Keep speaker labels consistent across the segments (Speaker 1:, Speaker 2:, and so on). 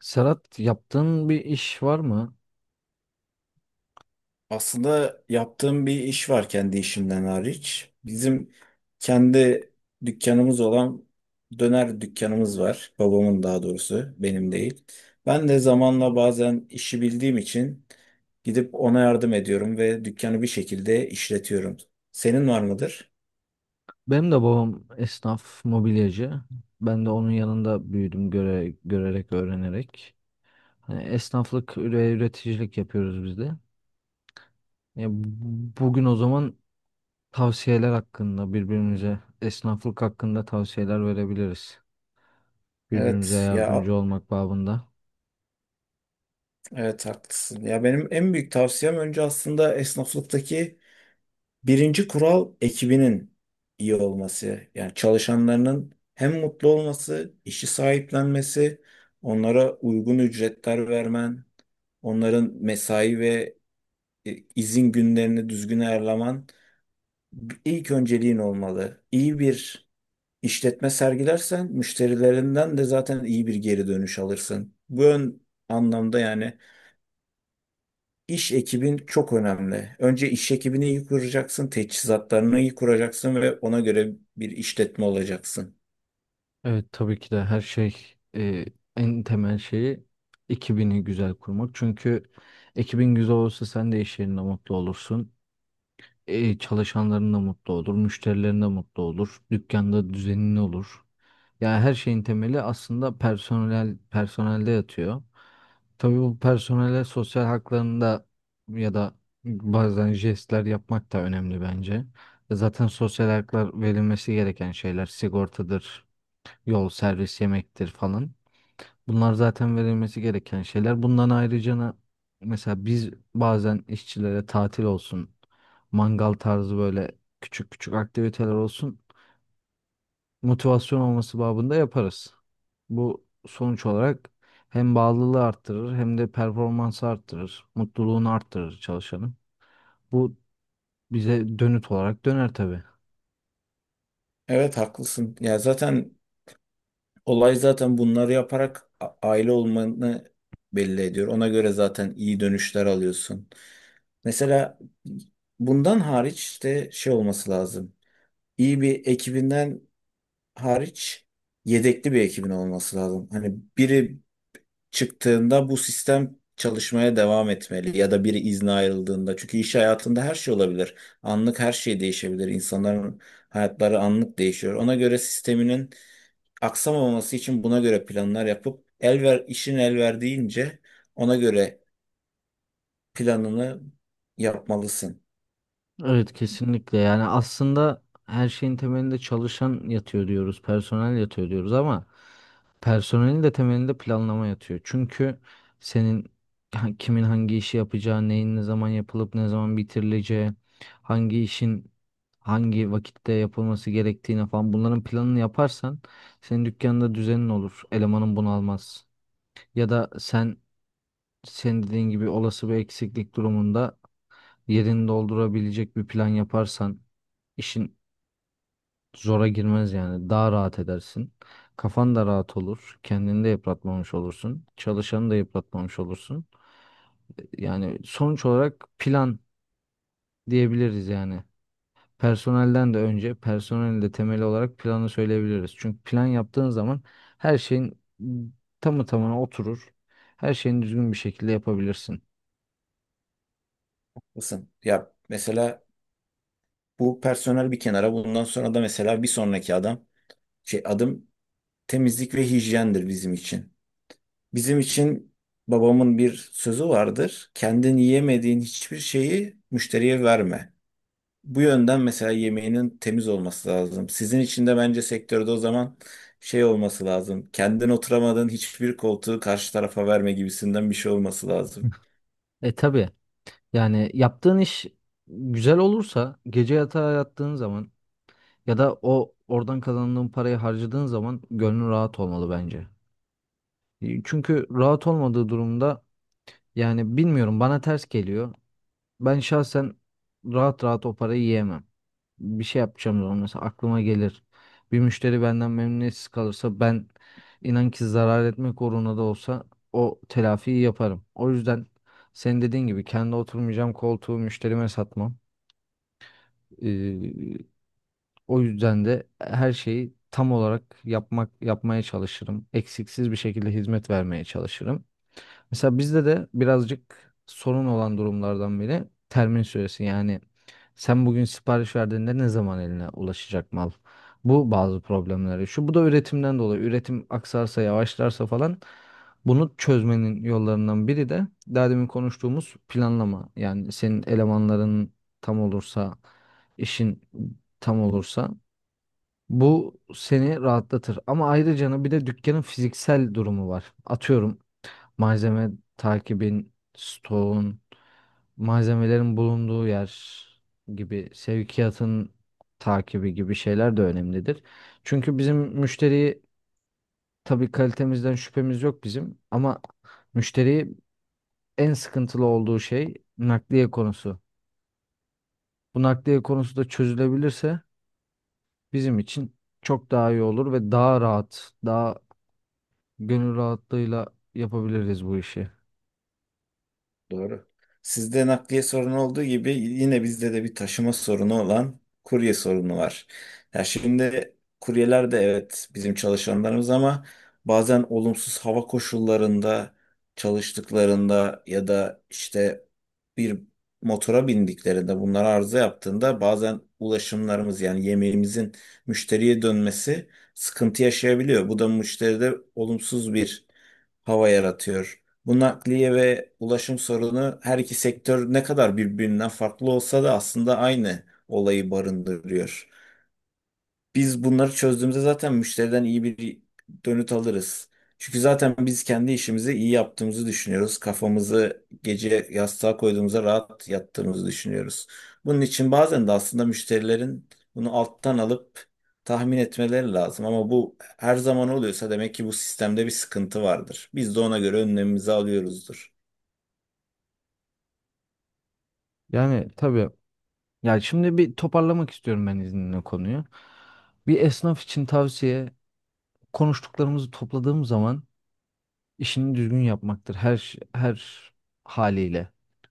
Speaker 1: Serhat, yaptığın bir iş var mı?
Speaker 2: Aslında yaptığım bir iş var kendi işimden hariç. Bizim kendi dükkanımız olan döner dükkanımız var. Babamın daha doğrusu, benim değil. Ben de zamanla bazen işi bildiğim için gidip ona yardım ediyorum ve dükkanı bir şekilde işletiyorum. Senin var mıdır?
Speaker 1: Benim de babam esnaf, mobilyacı. Ben de onun yanında büyüdüm görerek, öğrenerek. Hani esnaflık ve üreticilik yapıyoruz biz de. Bugün o zaman tavsiyeler hakkında, birbirimize esnaflık hakkında tavsiyeler verebiliriz. Birbirimize
Speaker 2: Evet ya
Speaker 1: yardımcı olmak babında.
Speaker 2: evet haklısın. Ya benim en büyük tavsiyem önce aslında esnaflıktaki birinci kural ekibinin iyi olması. Yani çalışanlarının hem mutlu olması, işi sahiplenmesi, onlara uygun ücretler vermen, onların mesai ve izin günlerini düzgün ayarlaman ilk önceliğin olmalı. İyi bir işletme sergilersen müşterilerinden de zaten iyi bir geri dönüş alırsın. Bu ön anlamda yani İş ekibin çok önemli. Önce iş ekibini iyi kuracaksın, teçhizatlarını iyi kuracaksın ve ona göre bir işletme olacaksın.
Speaker 1: Evet, tabii ki de her şey, en temel şeyi ekibini güzel kurmak. Çünkü ekibin güzel olursa sen de iş yerinde mutlu olursun. E, çalışanların da mutlu olur, müşterilerin de mutlu olur, dükkanda düzenli olur. Yani her şeyin temeli aslında personelde yatıyor. Tabii bu personele sosyal haklarında ya da bazen jestler yapmak da önemli bence. Zaten sosyal haklar verilmesi gereken şeyler sigortadır, yol, servis, yemektir falan. Bunlar zaten verilmesi gereken şeyler. Bundan ayrıca mesela biz bazen işçilere tatil olsun, mangal tarzı böyle küçük küçük aktiviteler olsun, motivasyon olması babında yaparız. Bu sonuç olarak hem bağlılığı arttırır, hem de performansı arttırır, mutluluğunu arttırır çalışanın. Bu bize dönüt olarak döner tabii.
Speaker 2: Evet, haklısın. Ya zaten olay zaten bunları yaparak aile olmanı belli ediyor. Ona göre zaten iyi dönüşler alıyorsun. Mesela bundan hariç işte şey olması lazım. İyi bir ekibinden hariç yedekli bir ekibin olması lazım. Hani biri çıktığında bu sistem çalışmaya devam etmeli ya da biri izne ayrıldığında. Çünkü iş hayatında her şey olabilir. Anlık her şey değişebilir. İnsanların hayatları anlık değişiyor. Ona göre sisteminin aksamaması için buna göre planlar yapıp el ver, işin el verdiğince ona göre planını yapmalısın.
Speaker 1: Evet, kesinlikle. Yani aslında her şeyin temelinde çalışan yatıyor diyoruz, personel yatıyor diyoruz ama personelin de temelinde planlama yatıyor. Çünkü senin kimin hangi işi yapacağı, neyin ne zaman yapılıp ne zaman bitirileceği, hangi işin hangi vakitte yapılması gerektiğine falan, bunların planını yaparsan senin dükkanında düzenin olur, elemanın bunu almaz. Ya da senin dediğin gibi olası bir eksiklik durumunda yerini doldurabilecek bir plan yaparsan işin zora girmez yani. Daha rahat edersin. Kafan da rahat olur. Kendini de yıpratmamış olursun, çalışanı da yıpratmamış olursun. Yani sonuç olarak plan diyebiliriz yani. Personelden de önce, personelin de temeli olarak planı söyleyebiliriz. Çünkü plan yaptığın zaman her şeyin tamı tamına oturur. Her şeyini düzgün bir şekilde yapabilirsin.
Speaker 2: Mısın? Ya mesela bu personel bir kenara. Bundan sonra da mesela bir sonraki adam şey adım temizlik ve hijyendir bizim için. Bizim için babamın bir sözü vardır. Kendin yiyemediğin hiçbir şeyi müşteriye verme. Bu yönden mesela yemeğinin temiz olması lazım. Sizin için de bence sektörde o zaman şey olması lazım. Kendin oturamadığın hiçbir koltuğu karşı tarafa verme gibisinden bir şey olması lazım.
Speaker 1: E tabii. Yani yaptığın iş güzel olursa gece yatağa yattığın zaman ya da oradan kazandığın parayı harcadığın zaman gönlün rahat olmalı bence. E, çünkü rahat olmadığı durumda, yani bilmiyorum, bana ters geliyor. Ben şahsen rahat rahat o parayı yiyemem. Bir şey yapacağım zaman mesela aklıma gelir. Bir müşteri benden memnuniyetsiz kalırsa ben, inan ki zarar etmek uğruna da olsa, o telafiyi yaparım. O yüzden senin dediğin gibi kendi oturmayacağım koltuğu müşterime satmam. Ee, O yüzden de her şeyi tam olarak yapmaya çalışırım. Eksiksiz bir şekilde hizmet vermeye çalışırım. Mesela bizde de birazcık sorun olan durumlardan biri termin süresi. Yani sen bugün sipariş verdiğinde ne zaman eline ulaşacak mal? Bu bazı problemleri. Şu bu da üretimden dolayı. Üretim aksarsa, yavaşlarsa falan, bunu çözmenin yollarından biri de daha demin konuştuğumuz planlama. Yani senin elemanların tam olursa, işin tam olursa bu seni rahatlatır. Ama ayrıca bir de dükkanın fiziksel durumu var. Atıyorum, malzeme takibin, stoğun, malzemelerin bulunduğu yer gibi, sevkiyatın takibi gibi şeyler de önemlidir. Çünkü bizim müşteriyi, tabii kalitemizden şüphemiz yok bizim ama müşteriyi en sıkıntılı olduğu şey nakliye konusu. Bu nakliye konusu da çözülebilirse bizim için çok daha iyi olur ve daha rahat, daha gönül rahatlığıyla yapabiliriz bu işi.
Speaker 2: Doğru. Sizde nakliye sorunu olduğu gibi yine bizde de bir taşıma sorunu olan kurye sorunu var. Ya şimdi kuryeler de evet bizim çalışanlarımız ama bazen olumsuz hava koşullarında çalıştıklarında ya da işte bir motora bindiklerinde bunlar arıza yaptığında bazen ulaşımlarımız yani yemeğimizin müşteriye dönmesi sıkıntı yaşayabiliyor. Bu da müşteride olumsuz bir hava yaratıyor. Bu nakliye ve ulaşım sorunu her iki sektör ne kadar birbirinden farklı olsa da aslında aynı olayı barındırıyor. Biz bunları çözdüğümüzde zaten müşteriden iyi bir dönüt alırız. Çünkü zaten biz kendi işimizi iyi yaptığımızı düşünüyoruz. Kafamızı gece yastığa koyduğumuzda rahat yattığımızı düşünüyoruz. Bunun için bazen de aslında müşterilerin bunu alttan alıp tahmin etmeleri lazım. Ama bu her zaman oluyorsa demek ki bu sistemde bir sıkıntı vardır. Biz de ona göre önlemimizi alıyoruzdur.
Speaker 1: Yani tabii. Ya şimdi bir toparlamak istiyorum ben izninle konuyu. Bir esnaf için tavsiye, konuştuklarımızı topladığım zaman, işini düzgün yapmaktır her haliyle.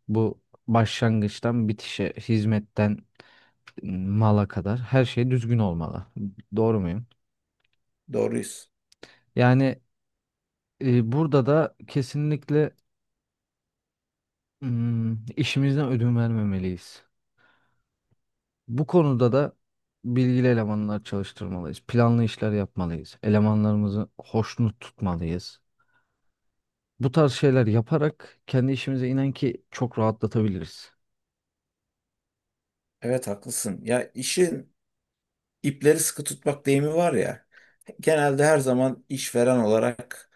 Speaker 1: Bu başlangıçtan bitişe, hizmetten mala kadar her şey düzgün olmalı. Doğru muyum?
Speaker 2: Doğruyuz.
Speaker 1: Yani burada da kesinlikle işimizden ödün vermemeliyiz. Bu konuda da bilgili elemanlar çalıştırmalıyız. Planlı işler yapmalıyız. Elemanlarımızı hoşnut tutmalıyız. Bu tarz şeyler yaparak kendi işimize inen ki çok rahatlatabiliriz.
Speaker 2: Evet, haklısın. Ya işin ipleri sıkı tutmak deyimi var ya. Genelde her zaman işveren olarak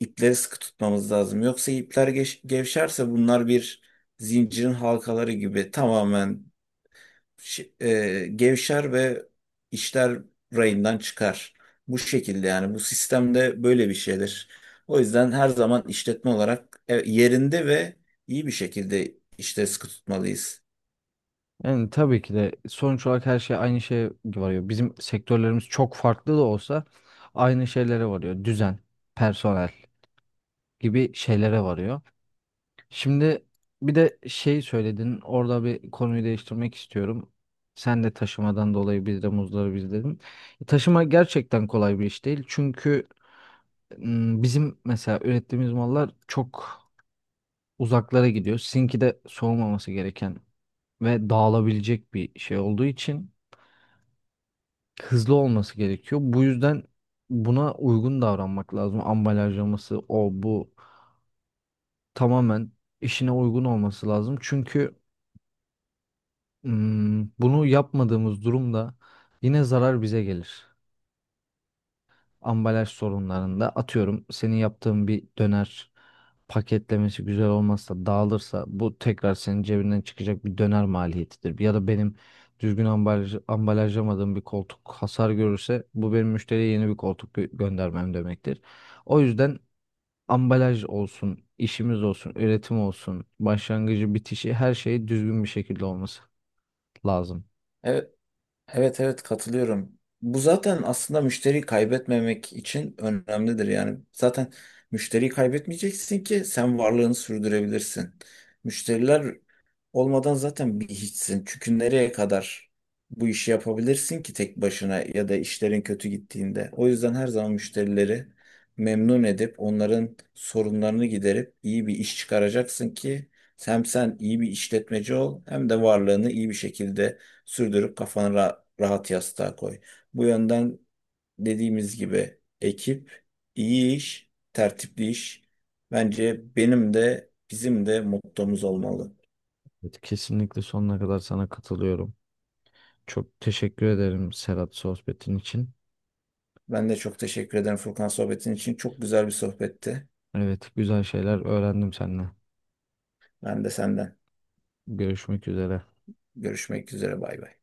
Speaker 2: ipleri sıkı tutmamız lazım. Yoksa ipler gevşerse bunlar bir zincirin halkaları gibi tamamen gevşer ve işler rayından çıkar. Bu şekilde yani bu sistemde böyle bir şeydir. O yüzden her zaman işletme olarak yerinde ve iyi bir şekilde işte sıkı tutmalıyız.
Speaker 1: Yani tabii ki de sonuç olarak her şey aynı şeye varıyor. Bizim sektörlerimiz çok farklı da olsa aynı şeylere varıyor. Düzen, personel gibi şeylere varıyor. Şimdi bir de şey söyledin, orada bir konuyu değiştirmek istiyorum. Sen de taşımadan dolayı biz de muzdaribiz dedin. Taşıma gerçekten kolay bir iş değil. Çünkü bizim mesela ürettiğimiz mallar çok uzaklara gidiyor. Sizinki de soğumaması gereken ve dağılabilecek bir şey olduğu için hızlı olması gerekiyor. Bu yüzden buna uygun davranmak lazım. Ambalajlaması, o bu, tamamen işine uygun olması lazım. Çünkü bunu yapmadığımız durumda yine zarar bize gelir. Ambalaj sorunlarında atıyorum, senin yaptığın bir döner paketlemesi güzel olmazsa, dağılırsa, bu tekrar senin cebinden çıkacak bir döner maliyetidir. Ya da benim ambalajlamadığım bir koltuk hasar görürse bu benim müşteriye yeni bir koltuk göndermem demektir. O yüzden ambalaj olsun, işimiz olsun, üretim olsun, başlangıcı bitişi her şey düzgün bir şekilde olması lazım.
Speaker 2: Evet. Evet, evet, katılıyorum. Bu zaten aslında müşteriyi kaybetmemek için önemlidir. Yani zaten müşteriyi kaybetmeyeceksin ki sen varlığını sürdürebilirsin. Müşteriler olmadan zaten bir hiçsin. Çünkü nereye kadar bu işi yapabilirsin ki tek başına ya da işlerin kötü gittiğinde. O yüzden her zaman müşterileri memnun edip onların sorunlarını giderip iyi bir iş çıkaracaksın ki hem sen iyi bir işletmeci ol hem de varlığını iyi bir şekilde sürdürüp kafanı rahat yastığa koy. Bu yönden dediğimiz gibi ekip, iyi iş, tertipli iş. Bence benim de bizim de mottomuz olmalı.
Speaker 1: Evet, kesinlikle sonuna kadar sana katılıyorum. Çok teşekkür ederim Serhat, sohbetin için.
Speaker 2: Ben de çok teşekkür ederim Furkan sohbetin için. Çok güzel bir sohbetti.
Speaker 1: Evet, güzel şeyler öğrendim seninle.
Speaker 2: Ben de senden.
Speaker 1: Görüşmek üzere.
Speaker 2: Görüşmek üzere. Bay bay.